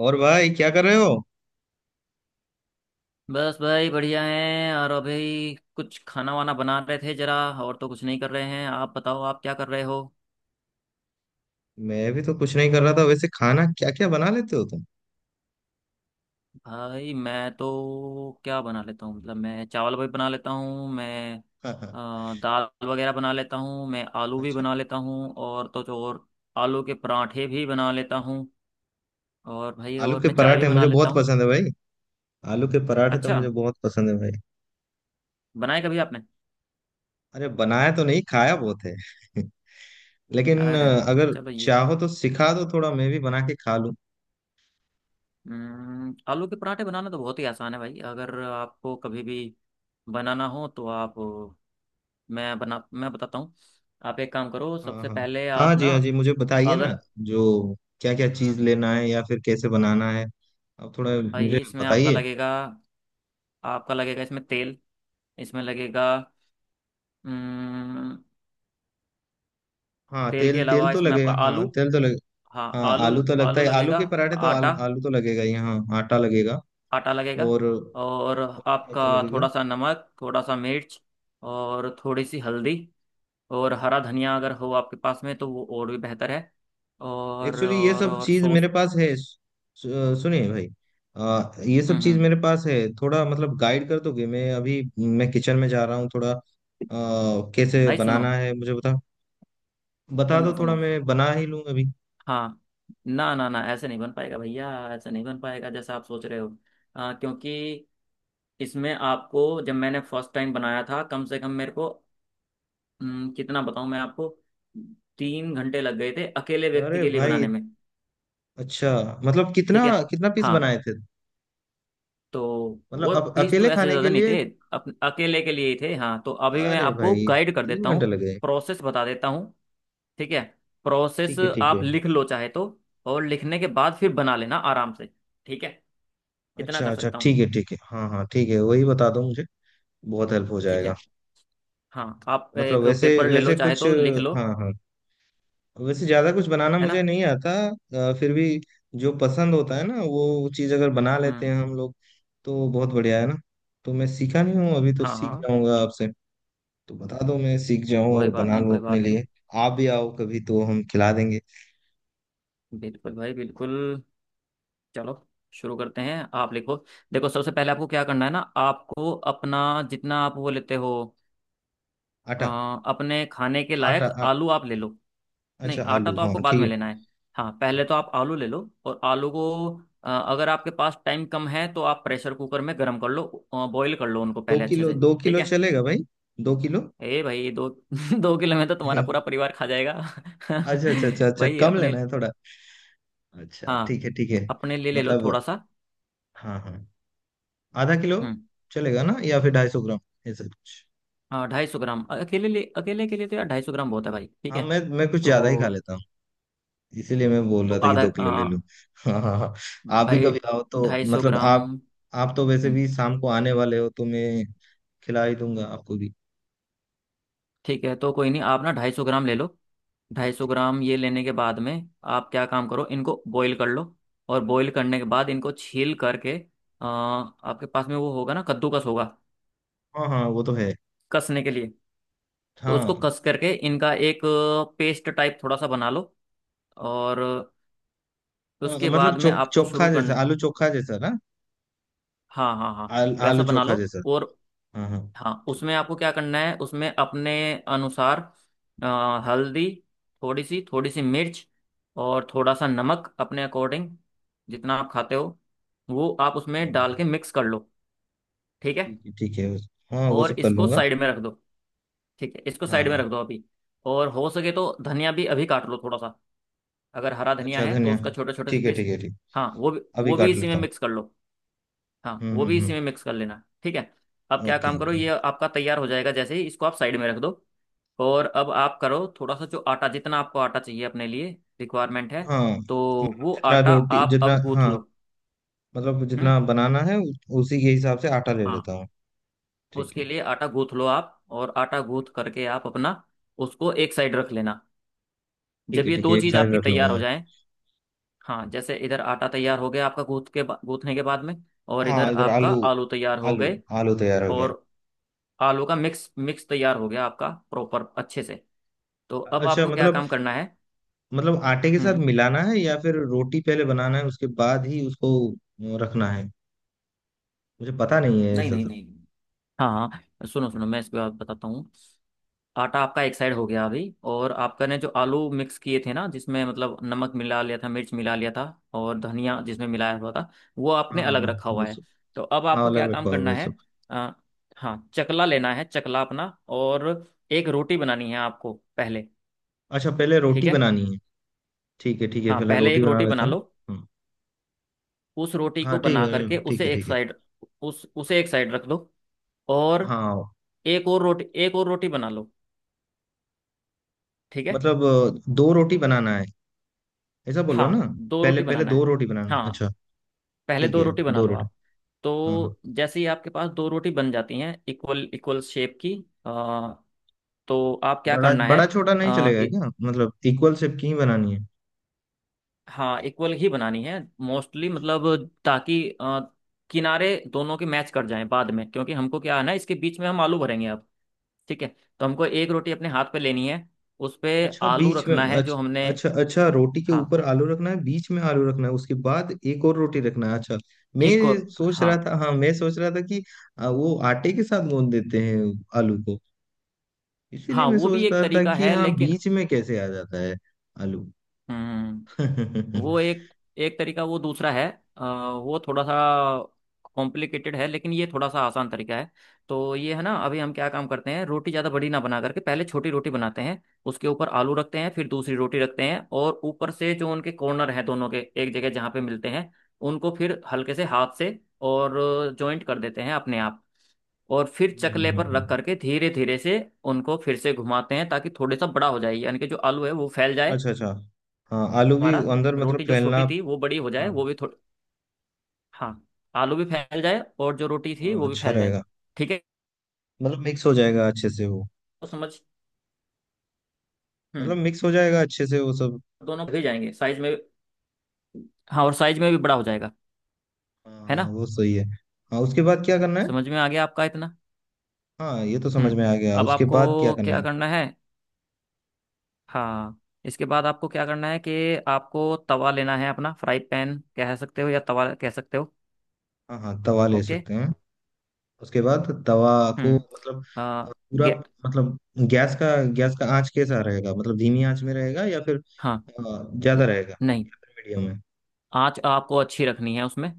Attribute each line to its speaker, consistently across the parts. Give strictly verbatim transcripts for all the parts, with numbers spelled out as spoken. Speaker 1: और भाई, क्या कर रहे हो?
Speaker 2: बस भाई बढ़िया हैं। और अभी कुछ खाना वाना बना रहे थे जरा। और तो कुछ नहीं कर रहे हैं। आप बताओ, आप क्या कर रहे हो।
Speaker 1: मैं भी तो कुछ नहीं कर रहा था। वैसे खाना क्या क्या बना लेते हो तुम?
Speaker 2: भाई मैं तो क्या बना लेता हूँ, मतलब मैं चावल भी बना लेता हूँ। मैं
Speaker 1: हाँ हाँ।
Speaker 2: अ, दाल वगैरह बना लेता हूँ। मैं आलू भी
Speaker 1: अच्छा।
Speaker 2: बना लेता हूँ, और तो जो और आलू के पराठे भी बना लेता हूँ। और भाई
Speaker 1: आलू
Speaker 2: और
Speaker 1: के
Speaker 2: मैं चाय भी
Speaker 1: पराठे
Speaker 2: बना
Speaker 1: मुझे
Speaker 2: लेता
Speaker 1: बहुत
Speaker 2: हूँ।
Speaker 1: पसंद है भाई। आलू के पराठे तो
Speaker 2: अच्छा,
Speaker 1: मुझे बहुत पसंद है भाई।
Speaker 2: बनाए कभी आपने।
Speaker 1: अरे, बनाया तो नहीं, खाया बहुत है। लेकिन
Speaker 2: अरे
Speaker 1: अ,
Speaker 2: वाह,
Speaker 1: अगर
Speaker 2: चलो ये
Speaker 1: चाहो तो सिखा दो, थोड़ा मैं भी बना के खा लूं।
Speaker 2: हम्म, आलू के पराठे बनाना तो बहुत ही आसान है भाई। अगर आपको कभी भी बनाना हो तो आप, मैं बना मैं बताता हूँ। आप एक काम करो,
Speaker 1: हाँ
Speaker 2: सबसे
Speaker 1: हाँ।
Speaker 2: पहले
Speaker 1: हाँ
Speaker 2: आप
Speaker 1: जी,
Speaker 2: ना।
Speaker 1: हाँ जी, मुझे बताइए ना।
Speaker 2: अगर
Speaker 1: जो। क्या क्या चीज
Speaker 2: हम्म,
Speaker 1: लेना है या फिर कैसे बनाना है? अब थोड़ा।
Speaker 2: भाई
Speaker 1: मुझे
Speaker 2: इसमें आपका
Speaker 1: बताइए।
Speaker 2: लगेगा। आपका लगेगा इसमें तेल, इसमें लगेगा। हम्म,
Speaker 1: हाँ,
Speaker 2: तेल के
Speaker 1: तेल तेल
Speaker 2: अलावा
Speaker 1: तो
Speaker 2: इसमें
Speaker 1: लगेगा।
Speaker 2: आपका आलू।
Speaker 1: हाँ, तेल तो लगेगा।
Speaker 2: हाँ
Speaker 1: हाँ,
Speaker 2: आलू,
Speaker 1: आलू तो लगता
Speaker 2: आलू
Speaker 1: है। आलू
Speaker 2: लगेगा।
Speaker 1: के पराठे तो
Speaker 2: आटा,
Speaker 1: आलू, आलू तो लगेगा ही। हाँ, आटा लगेगा।
Speaker 2: आटा लगेगा।
Speaker 1: और
Speaker 2: और
Speaker 1: क्या
Speaker 2: आपका
Speaker 1: क्या लगेगा?
Speaker 2: थोड़ा सा नमक, थोड़ा सा मिर्च और थोड़ी सी हल्दी। और हरा धनिया अगर हो आपके पास में तो वो और भी बेहतर है। और
Speaker 1: एक्चुअली, ये
Speaker 2: और
Speaker 1: सब
Speaker 2: और
Speaker 1: चीज
Speaker 2: सॉस।
Speaker 1: मेरे पास है। सु- सुनिए भाई। आ, ये सब
Speaker 2: हम्म
Speaker 1: चीज
Speaker 2: हम्म।
Speaker 1: मेरे पास है, थोड़ा मतलब गाइड कर दोगे? मैं अभी मैं किचन में जा रहा हूँ, थोड़ा आ, कैसे
Speaker 2: भाई सुनो
Speaker 1: बनाना है मुझे बता। बता दो
Speaker 2: सुनो
Speaker 1: थोड़ा,
Speaker 2: सुनो।
Speaker 1: मैं बना ही लूँ अभी।
Speaker 2: हाँ, ना ना ना, ऐसे नहीं बन पाएगा भैया। ऐसे नहीं बन पाएगा जैसा आप सोच रहे हो। आ, क्योंकि इसमें आपको, जब मैंने फर्स्ट टाइम बनाया था कम से कम मेरे को, हम्म, कितना बताऊं मैं आपको, तीन घंटे लग गए थे अकेले व्यक्ति
Speaker 1: अरे
Speaker 2: के लिए
Speaker 1: भाई।
Speaker 2: बनाने में।
Speaker 1: अच्छा, मतलब
Speaker 2: ठीक
Speaker 1: कितना?
Speaker 2: है।
Speaker 1: कितना पीस
Speaker 2: हाँ
Speaker 1: बनाए थे?
Speaker 2: तो
Speaker 1: मतलब
Speaker 2: वो
Speaker 1: अब
Speaker 2: फीस तो
Speaker 1: अकेले
Speaker 2: ऐसे
Speaker 1: खाने
Speaker 2: ज़्यादा
Speaker 1: के
Speaker 2: नहीं
Speaker 1: लिए?
Speaker 2: थे। अप, अकेले के लिए ही थे। हाँ तो अभी मैं
Speaker 1: अरे
Speaker 2: आपको
Speaker 1: भाई,
Speaker 2: गाइड कर
Speaker 1: तीन
Speaker 2: देता
Speaker 1: घंटे
Speaker 2: हूँ,
Speaker 1: लगे?
Speaker 2: प्रोसेस बता देता हूँ। ठीक है। प्रोसेस
Speaker 1: ठीक है ठीक
Speaker 2: आप
Speaker 1: है।
Speaker 2: लिख लो चाहे तो, और लिखने के बाद फिर बना लेना आराम से। ठीक है, इतना
Speaker 1: अच्छा
Speaker 2: कर
Speaker 1: अच्छा,
Speaker 2: सकता हूँ।
Speaker 1: ठीक है ठीक है, हाँ हाँ, ठीक है, वही बता दो मुझे। बहुत हेल्प हो
Speaker 2: ठीक
Speaker 1: जाएगा।
Speaker 2: है। हाँ आप
Speaker 1: मतलब
Speaker 2: एक
Speaker 1: वैसे
Speaker 2: पेपर ले लो
Speaker 1: वैसे
Speaker 2: चाहे
Speaker 1: कुछ।
Speaker 2: तो, लिख लो,
Speaker 1: हाँ हाँ। वैसे ज्यादा कुछ बनाना
Speaker 2: है ना।
Speaker 1: मुझे नहीं आता। अ, फिर भी, जो पसंद होता है ना वो चीज, अगर बना लेते
Speaker 2: हम्म।
Speaker 1: हैं हम लोग तो बहुत बढ़िया है ना। तो मैं सीखा नहीं हूँ, अभी तो
Speaker 2: हाँ
Speaker 1: सीख
Speaker 2: हाँ,
Speaker 1: जाऊंगा आपसे। तो बता दो, मैं सीख जाऊँ
Speaker 2: कोई
Speaker 1: और
Speaker 2: बात
Speaker 1: बना
Speaker 2: नहीं,
Speaker 1: लूँ
Speaker 2: कोई
Speaker 1: अपने
Speaker 2: बात नहीं।
Speaker 1: लिए। आप भी आओ कभी तो हम खिला देंगे।
Speaker 2: बिल्कुल भाई बिल्कुल। चलो शुरू करते हैं, आप लिखो। देखो सबसे पहले आपको क्या करना है ना, आपको अपना जितना आप वो लेते हो, अ,
Speaker 1: आटा।
Speaker 2: अपने खाने के
Speaker 1: आटा,
Speaker 2: लायक
Speaker 1: आ,
Speaker 2: आलू आप ले लो। नहीं,
Speaker 1: अच्छा,
Speaker 2: आटा
Speaker 1: आलू,
Speaker 2: तो
Speaker 1: हाँ
Speaker 2: आपको बाद
Speaker 1: ठीक
Speaker 2: में
Speaker 1: है।
Speaker 2: लेना है। हाँ पहले तो आप आलू ले लो। और आलू को, अ, अगर आपके पास टाइम कम है तो आप प्रेशर कुकर में गर्म कर लो, बॉईल कर लो उनको
Speaker 1: दो
Speaker 2: पहले अच्छे
Speaker 1: किलो
Speaker 2: से।
Speaker 1: दो
Speaker 2: ठीक
Speaker 1: किलो
Speaker 2: है।
Speaker 1: चलेगा भाई? दो किलो।
Speaker 2: ए भाई, दो दो किलो में तो तुम्हारा पूरा परिवार खा जाएगा
Speaker 1: अच्छा अच्छा अच्छा अच्छा,
Speaker 2: भाई
Speaker 1: कम
Speaker 2: अपने।
Speaker 1: लेना है थोड़ा। अच्छा,
Speaker 2: हाँ,
Speaker 1: ठीक है ठीक है।
Speaker 2: अपने लिए ले लो
Speaker 1: मतलब।
Speaker 2: थोड़ा सा।
Speaker 1: हाँ हाँ। आधा किलो।
Speaker 2: हम्म।
Speaker 1: चलेगा ना? या फिर ढाई सौ ग्राम? ऐसा कुछ।
Speaker 2: हाँ, ढाई सौ ग्राम, अकेले लिए, अकेले के लिए तो यार ढाई सौ ग्राम बहुत है भाई। ठीक
Speaker 1: हाँ,
Speaker 2: है।
Speaker 1: मैं मैं कुछ ज्यादा ही खा
Speaker 2: तो
Speaker 1: लेता हूँ। इसीलिए मैं बोल
Speaker 2: तो
Speaker 1: रहा था कि
Speaker 2: आधा,
Speaker 1: दो किलो ले
Speaker 2: अ,
Speaker 1: लूँ। हाँ हाँ हाँ। आप भी
Speaker 2: भाई
Speaker 1: कभी आओ तो
Speaker 2: ढाई सौ
Speaker 1: मतलब
Speaker 2: ग्राम
Speaker 1: आप। आप तो वैसे
Speaker 2: हम्म,
Speaker 1: भी शाम को आने वाले हो, तो मैं खिला ही दूंगा आपको भी।
Speaker 2: ठीक है, तो कोई नहीं, आप ना ढाई सौ ग्राम ले लो। ढाई सौ ग्राम ये लेने के बाद में, आप क्या काम करो, इनको बॉईल कर लो। और बॉईल करने के बाद इनको छील करके, अ, आपके पास में वो होगा ना, कद्दूकस होगा
Speaker 1: हाँ हाँ, वो तो है।
Speaker 2: कसने के लिए, तो उसको
Speaker 1: हाँ।
Speaker 2: कस करके इनका एक पेस्ट टाइप थोड़ा सा बना लो। और
Speaker 1: अ,
Speaker 2: उसके
Speaker 1: मतलब
Speaker 2: बाद
Speaker 1: चो,
Speaker 2: में आपको
Speaker 1: चोखा
Speaker 2: शुरू
Speaker 1: जैसा,
Speaker 2: कर।
Speaker 1: आलू चोखा जैसा ना।
Speaker 2: हाँ हाँ हाँ,
Speaker 1: आल,
Speaker 2: वैसा
Speaker 1: आलू
Speaker 2: बना
Speaker 1: चोखा
Speaker 2: लो।
Speaker 1: जैसा।
Speaker 2: और
Speaker 1: हाँ हाँ।
Speaker 2: हाँ,
Speaker 1: ठीक।
Speaker 2: उसमें आपको क्या करना है, उसमें अपने अनुसार अ, हल्दी, थोड़ी सी थोड़ी सी मिर्च और थोड़ा सा नमक, अपने अकॉर्डिंग जितना आप खाते हो, वो आप
Speaker 1: हाँ,
Speaker 2: उसमें
Speaker 1: हाँ।
Speaker 2: डाल के मिक्स कर लो। ठीक है।
Speaker 1: ठीक है ठीक है। हाँ, वो
Speaker 2: और
Speaker 1: सब कर
Speaker 2: इसको
Speaker 1: लूंगा।
Speaker 2: साइड में रख दो। ठीक है, इसको
Speaker 1: हाँ
Speaker 2: साइड में
Speaker 1: हाँ।
Speaker 2: रख दो अभी। और हो सके तो धनिया भी अभी काट लो थोड़ा सा। अगर हरा धनिया
Speaker 1: अच्छा,
Speaker 2: है तो उसका
Speaker 1: धन्यवाद।
Speaker 2: छोटे छोटे से
Speaker 1: ठीक है
Speaker 2: पीस।
Speaker 1: ठीक है ठीक।
Speaker 2: हाँ, वो भी,
Speaker 1: अभी
Speaker 2: वो भी
Speaker 1: काट
Speaker 2: इसी में
Speaker 1: लेता हूँ।
Speaker 2: मिक्स कर लो। हाँ
Speaker 1: हम्म
Speaker 2: वो भी
Speaker 1: हम्म
Speaker 2: इसी
Speaker 1: हम्म।
Speaker 2: में मिक्स कर लेना। ठीक है। अब क्या
Speaker 1: ओके
Speaker 2: काम करो,
Speaker 1: ओके।
Speaker 2: ये आपका तैयार हो जाएगा जैसे ही, इसको आप साइड में रख दो। और अब आप करो थोड़ा सा, जो आटा जितना आपको आटा चाहिए अपने लिए रिक्वायरमेंट है,
Speaker 1: हाँ
Speaker 2: तो
Speaker 1: मतलब,
Speaker 2: वो
Speaker 1: जितना
Speaker 2: आटा
Speaker 1: रोटी
Speaker 2: आप
Speaker 1: जितना,
Speaker 2: अब गूंथ
Speaker 1: हाँ।
Speaker 2: लो।
Speaker 1: मतलब
Speaker 2: हम्म।
Speaker 1: जितना बनाना है उ- उसी के हिसाब से आटा ले
Speaker 2: हाँ,
Speaker 1: लेता हूँ। ठीक है।
Speaker 2: उसके लिए आटा गूंथ लो आप, और आटा गूंथ करके आप अपना उसको एक साइड रख लेना।
Speaker 1: ठीक
Speaker 2: जब
Speaker 1: है
Speaker 2: ये
Speaker 1: ठीक है,
Speaker 2: दो
Speaker 1: एक
Speaker 2: चीज़
Speaker 1: साइड
Speaker 2: आपकी
Speaker 1: रख लूंगा
Speaker 2: तैयार हो
Speaker 1: मैं।
Speaker 2: जाए, हाँ, जैसे इधर आटा तैयार हो गया आपका, गूंथ के बा- गूंथने के बाद में, और इधर
Speaker 1: हाँ, इधर
Speaker 2: आपका
Speaker 1: आलू।
Speaker 2: आलू तैयार हो
Speaker 1: आलू।
Speaker 2: गए
Speaker 1: आलू तैयार हो गया।
Speaker 2: और आलू का मिक्स मिक्स तैयार हो गया आपका प्रॉपर अच्छे से। तो अब
Speaker 1: अच्छा,
Speaker 2: आपको क्या
Speaker 1: मतलब,
Speaker 2: काम करना है।
Speaker 1: मतलब आटे के साथ
Speaker 2: हम्म।
Speaker 1: मिलाना है या फिर रोटी पहले बनाना है उसके बाद ही उसको अ, रखना है? मुझे पता नहीं है
Speaker 2: नहीं
Speaker 1: ऐसा
Speaker 2: नहीं
Speaker 1: सब।
Speaker 2: नहीं नहीं। हाँ हाँ, सुनो सुनो, मैं इसके बाद बताता हूँ। आटा आपका एक साइड हो गया अभी, और आपका ने जो आलू मिक्स किए थे ना, जिसमें मतलब नमक मिला लिया था, मिर्च मिला लिया था, और धनिया जिसमें मिलाया हुआ था, वो आपने
Speaker 1: हाँ हाँ
Speaker 2: अलग
Speaker 1: हाँ।
Speaker 2: रखा
Speaker 1: वो
Speaker 2: हुआ है।
Speaker 1: सब।
Speaker 2: तो अब
Speaker 1: हाँ,
Speaker 2: आपको क्या
Speaker 1: अलग
Speaker 2: काम
Speaker 1: रखवा होगा
Speaker 2: करना
Speaker 1: सब।
Speaker 2: है। आ, हाँ, चकला लेना है, चकला अपना, और एक रोटी बनानी है आपको पहले।
Speaker 1: अच्छा, पहले
Speaker 2: ठीक
Speaker 1: रोटी
Speaker 2: है।
Speaker 1: बनानी है। ठीक है ठीक है,
Speaker 2: हाँ
Speaker 1: पहले
Speaker 2: पहले
Speaker 1: रोटी
Speaker 2: एक
Speaker 1: बना
Speaker 2: रोटी बना
Speaker 1: लेता हूँ।
Speaker 2: लो।
Speaker 1: हम्म।
Speaker 2: उस रोटी
Speaker 1: हाँ,
Speaker 2: को
Speaker 1: ठीक
Speaker 2: बना
Speaker 1: है
Speaker 2: करके
Speaker 1: ठीक
Speaker 2: उसे
Speaker 1: है
Speaker 2: एक
Speaker 1: ठीक है।
Speaker 2: साइड, उस उसे एक साइड रख दो। और
Speaker 1: हाँ
Speaker 2: एक और रोटी, एक और रोटी बना लो। ठीक है।
Speaker 1: मतलब, अ, दो रोटी बनाना है, ऐसा बोल रहे हो ना?
Speaker 2: हाँ, दो
Speaker 1: पहले
Speaker 2: रोटी
Speaker 1: पहले
Speaker 2: बनाना
Speaker 1: दो
Speaker 2: है।
Speaker 1: रोटी बनाना है,
Speaker 2: हाँ
Speaker 1: अच्छा।
Speaker 2: पहले
Speaker 1: ठीक
Speaker 2: दो
Speaker 1: है,
Speaker 2: रोटी बना
Speaker 1: दो
Speaker 2: लो
Speaker 1: रोटी।
Speaker 2: आप।
Speaker 1: हाँ हाँ।
Speaker 2: तो जैसे ही आपके पास दो रोटी बन जाती हैं इक्वल इक्वल शेप की, अ, तो आप क्या
Speaker 1: बड़ा
Speaker 2: करना है।
Speaker 1: बड़ा छोटा नहीं
Speaker 2: अ,
Speaker 1: चलेगा
Speaker 2: इ,
Speaker 1: क्या? मतलब इक्वल शेप की ही बनानी है?
Speaker 2: हाँ इक्वल ही बनानी है मोस्टली,
Speaker 1: अच्छा
Speaker 2: मतलब ताकि अ, किनारे दोनों के मैच कर जाएं बाद में, क्योंकि हमको क्या है ना, इसके बीच में हम आलू भरेंगे अब। ठीक है। तो हमको एक रोटी अपने हाथ पे लेनी है, उस पे
Speaker 1: अच्छा,
Speaker 2: आलू
Speaker 1: बीच में।
Speaker 2: रखना
Speaker 1: अच्छा
Speaker 2: है जो हमने।
Speaker 1: अच्छा अच्छा, रोटी के
Speaker 2: हाँ,
Speaker 1: ऊपर आलू रखना है, बीच में आलू रखना है, उसके बाद एक और रोटी रखना है, अच्छा। मैं
Speaker 2: एक और
Speaker 1: सोच
Speaker 2: हाँ,
Speaker 1: रहा था, हाँ मैं सोच रहा था कि अ, वो आटे के साथ गूंद देते हैं, आलू को। इसीलिए
Speaker 2: हाँ,
Speaker 1: मैं
Speaker 2: वो
Speaker 1: सोच
Speaker 2: भी एक
Speaker 1: रहा था
Speaker 2: तरीका
Speaker 1: कि
Speaker 2: है
Speaker 1: हाँ,
Speaker 2: लेकिन,
Speaker 1: बीच में कैसे आ जाता है आलू।
Speaker 2: हम्म,
Speaker 1: हम्म।
Speaker 2: वो एक, एक तरीका वो दूसरा है। अ, वो थोड़ा सा कॉम्प्लिकेटेड है, लेकिन ये थोड़ा सा आसान तरीका है। तो ये है ना, अभी हम क्या काम करते हैं, रोटी ज़्यादा बड़ी ना बना करके पहले छोटी रोटी बनाते हैं, उसके ऊपर आलू रखते हैं, फिर दूसरी रोटी रखते हैं, और ऊपर से जो उनके कॉर्नर हैं दोनों के, एक जगह जहाँ पे मिलते हैं, उनको फिर हल्के से हाथ से और जॉइंट कर देते हैं अपने आप। और फिर चकले पर रख करके धीरे धीरे से उनको फिर से घुमाते हैं ताकि थोड़े सा बड़ा हो जाए, यानी कि जो आलू है वो फैल जाए
Speaker 1: अच्छा अच्छा, हाँ, आलू भी
Speaker 2: हमारा,
Speaker 1: अंदर, मतलब
Speaker 2: रोटी जो
Speaker 1: फैलना।
Speaker 2: छोटी थी वो बड़ी हो जाए
Speaker 1: हाँ।
Speaker 2: वो भी थोड़ी। हाँ, आलू भी फैल जाए और जो रोटी थी
Speaker 1: हाँ,
Speaker 2: वो भी
Speaker 1: अच्छा
Speaker 2: फैल जाए।
Speaker 1: रहेगा।
Speaker 2: ठीक है।
Speaker 1: मतलब मिक्स हो जाएगा अच्छे से वो।
Speaker 2: तो समझ,
Speaker 1: मतलब
Speaker 2: हम्म,
Speaker 1: मिक्स हो जाएगा अच्छे से वो सब।
Speaker 2: दोनों भी जाएंगे साइज में। हाँ, और साइज में भी बड़ा हो जाएगा,
Speaker 1: हाँ
Speaker 2: है ना।
Speaker 1: हाँ, वो सही है। हाँ, उसके बाद क्या करना है?
Speaker 2: समझ में आ गया आपका इतना।
Speaker 1: हाँ, ये तो समझ
Speaker 2: हम्म।
Speaker 1: में आ गया,
Speaker 2: अब
Speaker 1: उसके बाद क्या
Speaker 2: आपको
Speaker 1: करना
Speaker 2: क्या
Speaker 1: है?
Speaker 2: करना है। हाँ, इसके बाद आपको क्या करना है कि आपको तवा लेना है अपना, फ्राई पैन कह सकते हो या तवा कह सकते हो।
Speaker 1: हाँ हाँ, तवा ले
Speaker 2: ओके।
Speaker 1: सकते हैं। उसके बाद तवा को, मतलब
Speaker 2: हम्म। आ,
Speaker 1: पूरा,
Speaker 2: गे,
Speaker 1: मतलब गैस का गैस का आंच कैसा रहेगा? मतलब धीमी आंच में रहेगा या फिर
Speaker 2: हाँ
Speaker 1: अ,
Speaker 2: न-
Speaker 1: ज्यादा रहेगा?
Speaker 2: नहीं,
Speaker 1: मीडियम में?
Speaker 2: आँच आपको अच्छी रखनी है उसमें,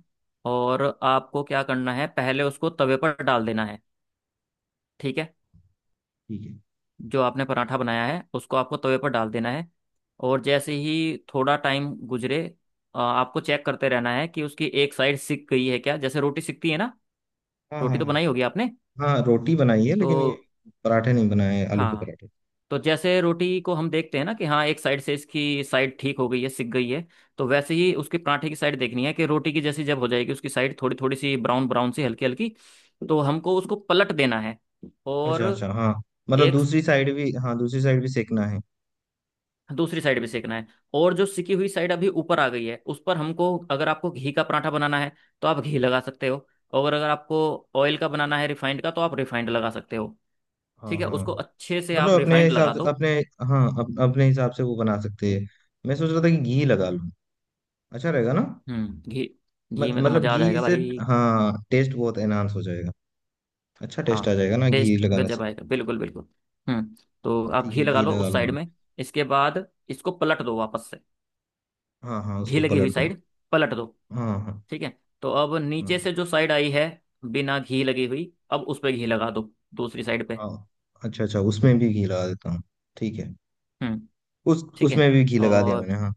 Speaker 2: और आपको क्या करना है, पहले उसको तवे पर डाल देना है। ठीक है।
Speaker 1: ठीक है।
Speaker 2: जो आपने पराठा बनाया है उसको आपको तवे पर डाल देना है। और जैसे ही थोड़ा टाइम गुजरे, अ, आपको चेक करते रहना है कि उसकी एक साइड सिक गई है क्या, जैसे रोटी सिकती है ना।
Speaker 1: हाँ
Speaker 2: रोटी तो
Speaker 1: हाँ।
Speaker 2: बनाई होगी आपने।
Speaker 1: हाँ हाँ, रोटी बनाई है लेकिन ये
Speaker 2: तो,
Speaker 1: पराठे नहीं बनाए हैं, आलू के
Speaker 2: हाँ,
Speaker 1: पराठे।
Speaker 2: तो जैसे रोटी को हम देखते हैं ना कि हाँ एक साइड से इसकी साइड ठीक हो गई है सिक गई है, तो वैसे ही उसके पराठे की साइड देखनी है कि रोटी की जैसी जब हो जाएगी, उसकी साइड थोड़ी थोड़ी सी ब्राउन ब्राउन सी हल्की हल्की, तो हमको उसको पलट देना है। और
Speaker 1: अच्छा अच्छा, हाँ मतलब,
Speaker 2: एक
Speaker 1: दूसरी साइड भी, हाँ, दूसरी साइड भी सेकना है।
Speaker 2: दूसरी साइड भी सेकना है। और जो सिकी हुई साइड अभी ऊपर आ गई है, उस पर हमको, अगर आपको घी का पराठा बनाना है तो आप घी लगा सकते हो, और अगर आपको ऑयल का बनाना है, रिफाइंड का, तो आप रिफाइंड लगा सकते हो।
Speaker 1: हाँ
Speaker 2: ठीक है,
Speaker 1: हाँ
Speaker 2: उसको अच्छे से आप
Speaker 1: मतलब, अपने
Speaker 2: रिफाइंड
Speaker 1: हिसाब
Speaker 2: लगा
Speaker 1: से
Speaker 2: दो।
Speaker 1: अपने, हाँ, अप, अपने हिसाब से वो बना सकते हैं। मैं सोच रहा था कि घी लगा लूँ, अच्छा रहेगा ना?
Speaker 2: हम्म, घी,
Speaker 1: म-
Speaker 2: घी में तो
Speaker 1: मतलब
Speaker 2: मजा आ
Speaker 1: घी
Speaker 2: जाएगा
Speaker 1: से,
Speaker 2: भाई।
Speaker 1: हाँ टेस्ट बहुत एनहांस हो जाएगा। अच्छा टेस्ट
Speaker 2: हाँ
Speaker 1: आ जाएगा ना घी
Speaker 2: टेस्ट
Speaker 1: लगाने
Speaker 2: गजब
Speaker 1: से?
Speaker 2: आएगा, बिल्कुल बिल्कुल। हम्म। तो आप
Speaker 1: ठीक है,
Speaker 2: घी लगा
Speaker 1: घी
Speaker 2: लो
Speaker 1: लगा
Speaker 2: उस साइड
Speaker 1: लूंगा।
Speaker 2: में। इसके बाद इसको पलट दो वापस से,
Speaker 1: हाँ हाँ,
Speaker 2: घी
Speaker 1: उसको
Speaker 2: लगी
Speaker 1: पलट
Speaker 2: हुई
Speaker 1: दूंगा।
Speaker 2: साइड पलट दो।
Speaker 1: हाँ हाँ।
Speaker 2: ठीक है। तो अब नीचे
Speaker 1: हाँ
Speaker 2: से जो साइड आई है बिना घी लगी हुई, अब उस पर घी लगा दो दूसरी साइड पे।
Speaker 1: हाँ। अच्छा अच्छा, उसमें भी घी लगा देता हूँ। ठीक है।
Speaker 2: हम्म।
Speaker 1: उस
Speaker 2: ठीक है,
Speaker 1: उसमें भी घी लगा दिया
Speaker 2: और
Speaker 1: मैंने, हाँ।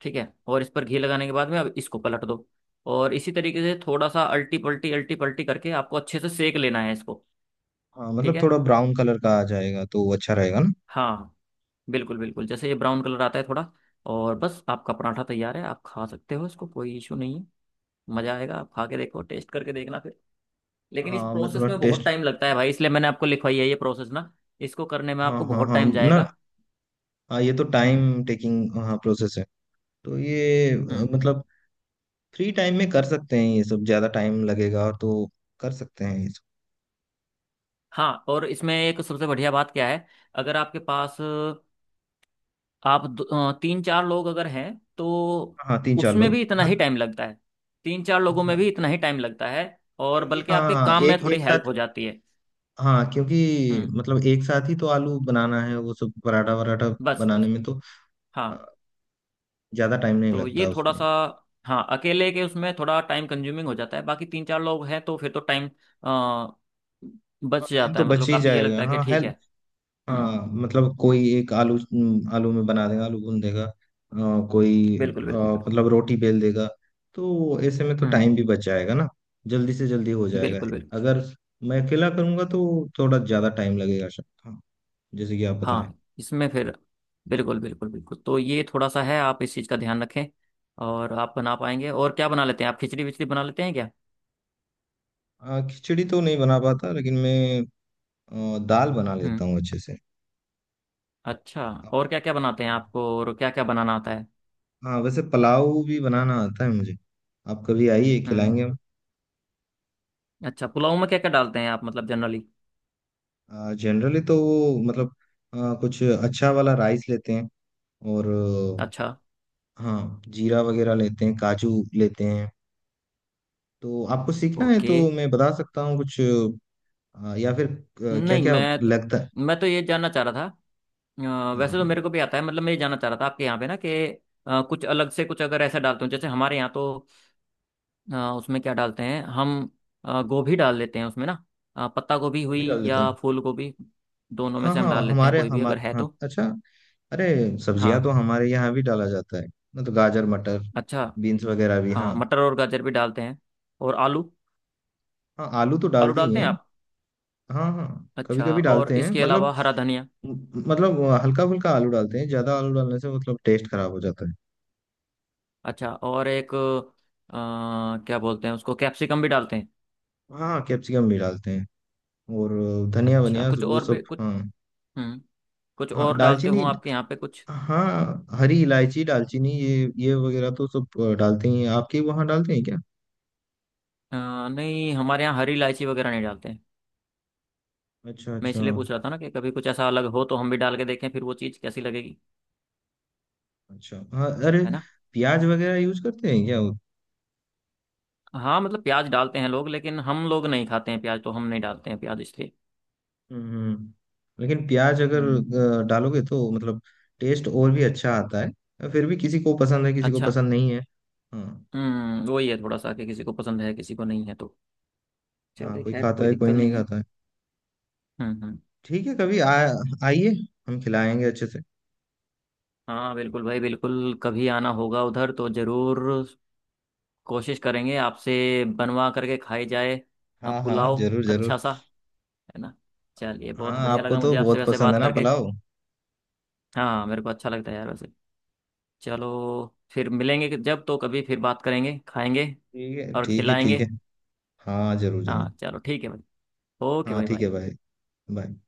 Speaker 2: ठीक है और इस पर घी लगाने के बाद में अब इसको पलट दो। और इसी तरीके से, थोड़ा सा अल्टी पल्टी अल्टी पल्टी करके आपको अच्छे से सेक लेना है इसको।
Speaker 1: हाँ
Speaker 2: ठीक
Speaker 1: मतलब,
Speaker 2: है।
Speaker 1: थोड़ा ब्राउन कलर का आ जाएगा तो अच्छा रहेगा ना?
Speaker 2: हाँ, बिल्कुल बिल्कुल, जैसे ये ब्राउन कलर आता है थोड़ा, और बस आपका पराठा तैयार है, आप खा सकते हो इसको, कोई इशू नहीं है। मज़ा आएगा, आप खा के देखो, टेस्ट करके देखना फिर। लेकिन इस
Speaker 1: हाँ, मैं
Speaker 2: प्रोसेस
Speaker 1: थोड़ा
Speaker 2: में बहुत
Speaker 1: टेस्ट।
Speaker 2: टाइम लगता है भाई, इसलिए मैंने आपको लिखवाई है ये प्रोसेस ना। इसको करने में
Speaker 1: हाँ
Speaker 2: आपको
Speaker 1: हाँ
Speaker 2: बहुत
Speaker 1: हाँ।
Speaker 2: टाइम
Speaker 1: ना।
Speaker 2: जाएगा।
Speaker 1: हाँ, ये तो
Speaker 2: हम्म
Speaker 1: टाइम टेकिंग हाँ प्रोसेस है। तो ये अ,
Speaker 2: हम्म।
Speaker 1: मतलब फ्री टाइम में कर सकते हैं ये सब, ज़्यादा टाइम लगेगा तो कर सकते हैं ये सब।
Speaker 2: हाँ, और इसमें एक सबसे बढ़िया बात क्या है, अगर आपके पास अ, आप दो- अ, तीन चार लोग अगर हैं, तो
Speaker 1: हाँ, तीन चार
Speaker 2: उसमें
Speaker 1: लोग,
Speaker 2: भी इतना ही
Speaker 1: हाँ।
Speaker 2: टाइम लगता है। तीन चार लोगों में
Speaker 1: अच्छा।
Speaker 2: भी इतना ही टाइम लगता है। और
Speaker 1: क्योंकि
Speaker 2: बल्कि आपके
Speaker 1: हाँ
Speaker 2: काम में
Speaker 1: एक
Speaker 2: थोड़ी
Speaker 1: एक
Speaker 2: हेल्प
Speaker 1: साथ,
Speaker 2: हो जाती है।
Speaker 1: हाँ क्योंकि
Speaker 2: हम्म।
Speaker 1: मतलब एक साथ ही तो आलू बनाना है, वो सब पराठा वराठा
Speaker 2: बस
Speaker 1: बनाने
Speaker 2: बस
Speaker 1: में
Speaker 2: बस।
Speaker 1: तो अ,
Speaker 2: हाँ,
Speaker 1: ज्यादा टाइम नहीं
Speaker 2: तो
Speaker 1: लगता
Speaker 2: ये थोड़ा
Speaker 1: उसमें।
Speaker 2: सा, हाँ अकेले के उसमें थोड़ा टाइम कंज्यूमिंग हो जाता है, बाकी तीन चार लोग हैं तो फिर तो टाइम
Speaker 1: और
Speaker 2: बच
Speaker 1: टाइम
Speaker 2: जाता
Speaker 1: तो
Speaker 2: है,
Speaker 1: बच
Speaker 2: मतलब
Speaker 1: ही
Speaker 2: काफी ये
Speaker 1: जाएगा,
Speaker 2: लगता है कि
Speaker 1: हाँ
Speaker 2: ठीक है।
Speaker 1: हेल्प। हाँ
Speaker 2: हम्म।
Speaker 1: मतलब, कोई एक आलू, हम्म, आलू में बना देगा, आलू भून देगा, अ, कोई
Speaker 2: बिल्कुल
Speaker 1: अ,
Speaker 2: बिल्कुल बिल्कुल।
Speaker 1: मतलब रोटी बेल देगा। तो ऐसे में तो टाइम
Speaker 2: हम्म।
Speaker 1: भी बच जाएगा ना? जल्दी से जल्दी हो जाएगा।
Speaker 2: बिल्कुल बिल्कुल।
Speaker 1: अगर मैं अकेला करूंगा तो थोड़ा ज्यादा टाइम लगेगा शायद, हाँ। जैसे कि आप बताएं।
Speaker 2: हाँ इसमें फिर बिल्कुल बिल्कुल बिल्कुल, तो ये थोड़ा सा है, आप इस चीज़ का ध्यान रखें और आप बना पाएंगे। और क्या बना लेते हैं आप, खिचड़ी विचड़ी बना लेते हैं क्या।
Speaker 1: अ, खिचड़ी तो नहीं बना पाता, लेकिन मैं अ, दाल बना लेता
Speaker 2: हम्म।
Speaker 1: हूँ अच्छे से।
Speaker 2: अच्छा, और क्या क्या बनाते हैं, आपको और क्या क्या बनाना आता है।
Speaker 1: हाँ, वैसे पुलाव भी बनाना आता है मुझे। आप कभी आइए,
Speaker 2: हम्म।
Speaker 1: खिलाएंगे हम।
Speaker 2: अच्छा, पुलाव में क्या क्या डालते हैं आप, मतलब जनरली।
Speaker 1: जनरली तो वो मतलब आ, कुछ अच्छा वाला राइस लेते हैं। और
Speaker 2: अच्छा।
Speaker 1: आ, हाँ, जीरा वगैरह लेते हैं, काजू लेते हैं। तो आपको सीखना है तो
Speaker 2: ओके।
Speaker 1: मैं बता सकता हूँ कुछ। आ, या फिर क्या
Speaker 2: नहीं,
Speaker 1: क्या
Speaker 2: मैं तो,
Speaker 1: लगता है?
Speaker 2: मैं तो ये जानना चाह रहा था, अ,
Speaker 1: हाँ
Speaker 2: वैसे तो
Speaker 1: हाँ,
Speaker 2: मेरे को भी आता है, मतलब मैं ये जानना चाह रहा था आपके यहाँ पे ना कि अ, कुछ अलग से, कुछ अगर ऐसा डालते हो, जैसे हमारे यहाँ तो अ, उसमें क्या डालते हैं हम, अ, गोभी डाल लेते हैं उसमें ना, अ, पत्ता गोभी
Speaker 1: वो
Speaker 2: हुई
Speaker 1: भी डाल लेते
Speaker 2: या
Speaker 1: हैं।
Speaker 2: फूल गोभी, दोनों में
Speaker 1: हाँ
Speaker 2: से हम
Speaker 1: हाँ,
Speaker 2: डाल लेते हैं
Speaker 1: हमारे
Speaker 2: कोई भी
Speaker 1: हम,
Speaker 2: अगर है
Speaker 1: हाँ,
Speaker 2: तो।
Speaker 1: अच्छा। अरे, सब्जियां
Speaker 2: हाँ
Speaker 1: तो हमारे यहाँ भी डाला जाता है। मतलब गाजर, मटर,
Speaker 2: अच्छा।
Speaker 1: बीन्स वगैरह भी,
Speaker 2: हाँ
Speaker 1: हाँ।
Speaker 2: मटर और गाजर भी डालते हैं, और आलू।
Speaker 1: हाँ, आलू तो
Speaker 2: आलू
Speaker 1: डालती
Speaker 2: डालते
Speaker 1: हैं।
Speaker 2: हैं आप।
Speaker 1: हाँ हाँ। कभी
Speaker 2: अच्छा,
Speaker 1: कभी
Speaker 2: और
Speaker 1: डालते हैं
Speaker 2: इसके
Speaker 1: मतलब,
Speaker 2: अलावा हरा धनिया।
Speaker 1: मतलब हल्का फुल्का आलू डालते हैं, ज्यादा आलू डालने से मतलब टेस्ट खराब हो जाता है।
Speaker 2: अच्छा और एक अ, क्या बोलते हैं उसको, कैप्सिकम भी डालते हैं।
Speaker 1: हाँ हाँ, कैप्सिकम भी डालते हैं। और धनिया
Speaker 2: अच्छा,
Speaker 1: वनिया
Speaker 2: कुछ
Speaker 1: वो
Speaker 2: और
Speaker 1: सब,
Speaker 2: भी कुछ।
Speaker 1: हाँ।
Speaker 2: हम्म। कुछ
Speaker 1: हाँ,
Speaker 2: और डालते
Speaker 1: दालचीनी,
Speaker 2: हो आपके यहाँ पे कुछ,
Speaker 1: हाँ हरी इलायची, दालचीनी, ये ये वगैरह तो सब अ, डालते ही हैं। आपके वहाँ डालते हैं क्या?
Speaker 2: अ, नहीं हमारे यहाँ हरी इलायची वगैरह नहीं डालते हैं।
Speaker 1: अच्छा
Speaker 2: मैं
Speaker 1: अच्छा
Speaker 2: इसलिए पूछ रहा था ना कि कभी कुछ ऐसा अलग हो तो हम भी डाल के देखें फिर वो चीज़ कैसी लगेगी,
Speaker 1: अच्छा, हाँ, अरे,
Speaker 2: है ना।
Speaker 1: प्याज वगैरह यूज करते हैं क्या?
Speaker 2: हाँ मतलब प्याज डालते हैं लोग लेकिन हम लोग नहीं खाते हैं प्याज, तो हम नहीं डालते हैं प्याज इसलिए।
Speaker 1: हम्म। लेकिन प्याज अगर
Speaker 2: हम्म,
Speaker 1: अ, डालोगे तो मतलब टेस्ट और भी अच्छा आता है, फिर भी किसी को पसंद है किसी को
Speaker 2: अच्छा।
Speaker 1: पसंद नहीं है। हाँ
Speaker 2: हम्म, वही है थोड़ा सा कि किसी को पसंद है किसी को नहीं है। तो
Speaker 1: हाँ,
Speaker 2: चलो
Speaker 1: कोई
Speaker 2: खैर
Speaker 1: खाता
Speaker 2: कोई
Speaker 1: है कोई
Speaker 2: दिक्कत
Speaker 1: नहीं
Speaker 2: नहीं है।
Speaker 1: खाता है।
Speaker 2: हम्म हम्म।
Speaker 1: ठीक है, कभी आ आइए, हम खिलाएंगे अच्छे से।
Speaker 2: हाँ बिल्कुल भाई बिल्कुल, कभी आना होगा उधर तो ज़रूर कोशिश करेंगे आपसे बनवा करके खाई जाए। अ,
Speaker 1: हाँ हाँ,
Speaker 2: पुलाव
Speaker 1: जरूर जरूर।
Speaker 2: अच्छा सा, है ना। चलिए
Speaker 1: हाँ,
Speaker 2: बहुत बढ़िया
Speaker 1: आपको
Speaker 2: लगा
Speaker 1: तो
Speaker 2: मुझे आपसे
Speaker 1: बहुत
Speaker 2: वैसे
Speaker 1: पसंद
Speaker 2: बात
Speaker 1: है ना
Speaker 2: करके।
Speaker 1: पुलाव?
Speaker 2: हाँ मेरे को अच्छा लगता है यार वैसे। चलो फिर मिलेंगे, कि- जब तो कभी, फिर बात करेंगे, खाएंगे
Speaker 1: ठीक है
Speaker 2: और
Speaker 1: ठीक है ठीक
Speaker 2: खिलाएंगे।
Speaker 1: है। हाँ, जरूर
Speaker 2: हाँ
Speaker 1: जरूर।
Speaker 2: चलो ठीक है भाई, ओके
Speaker 1: हाँ
Speaker 2: भाई,
Speaker 1: ठीक है
Speaker 2: बाय।
Speaker 1: भाई। बाय।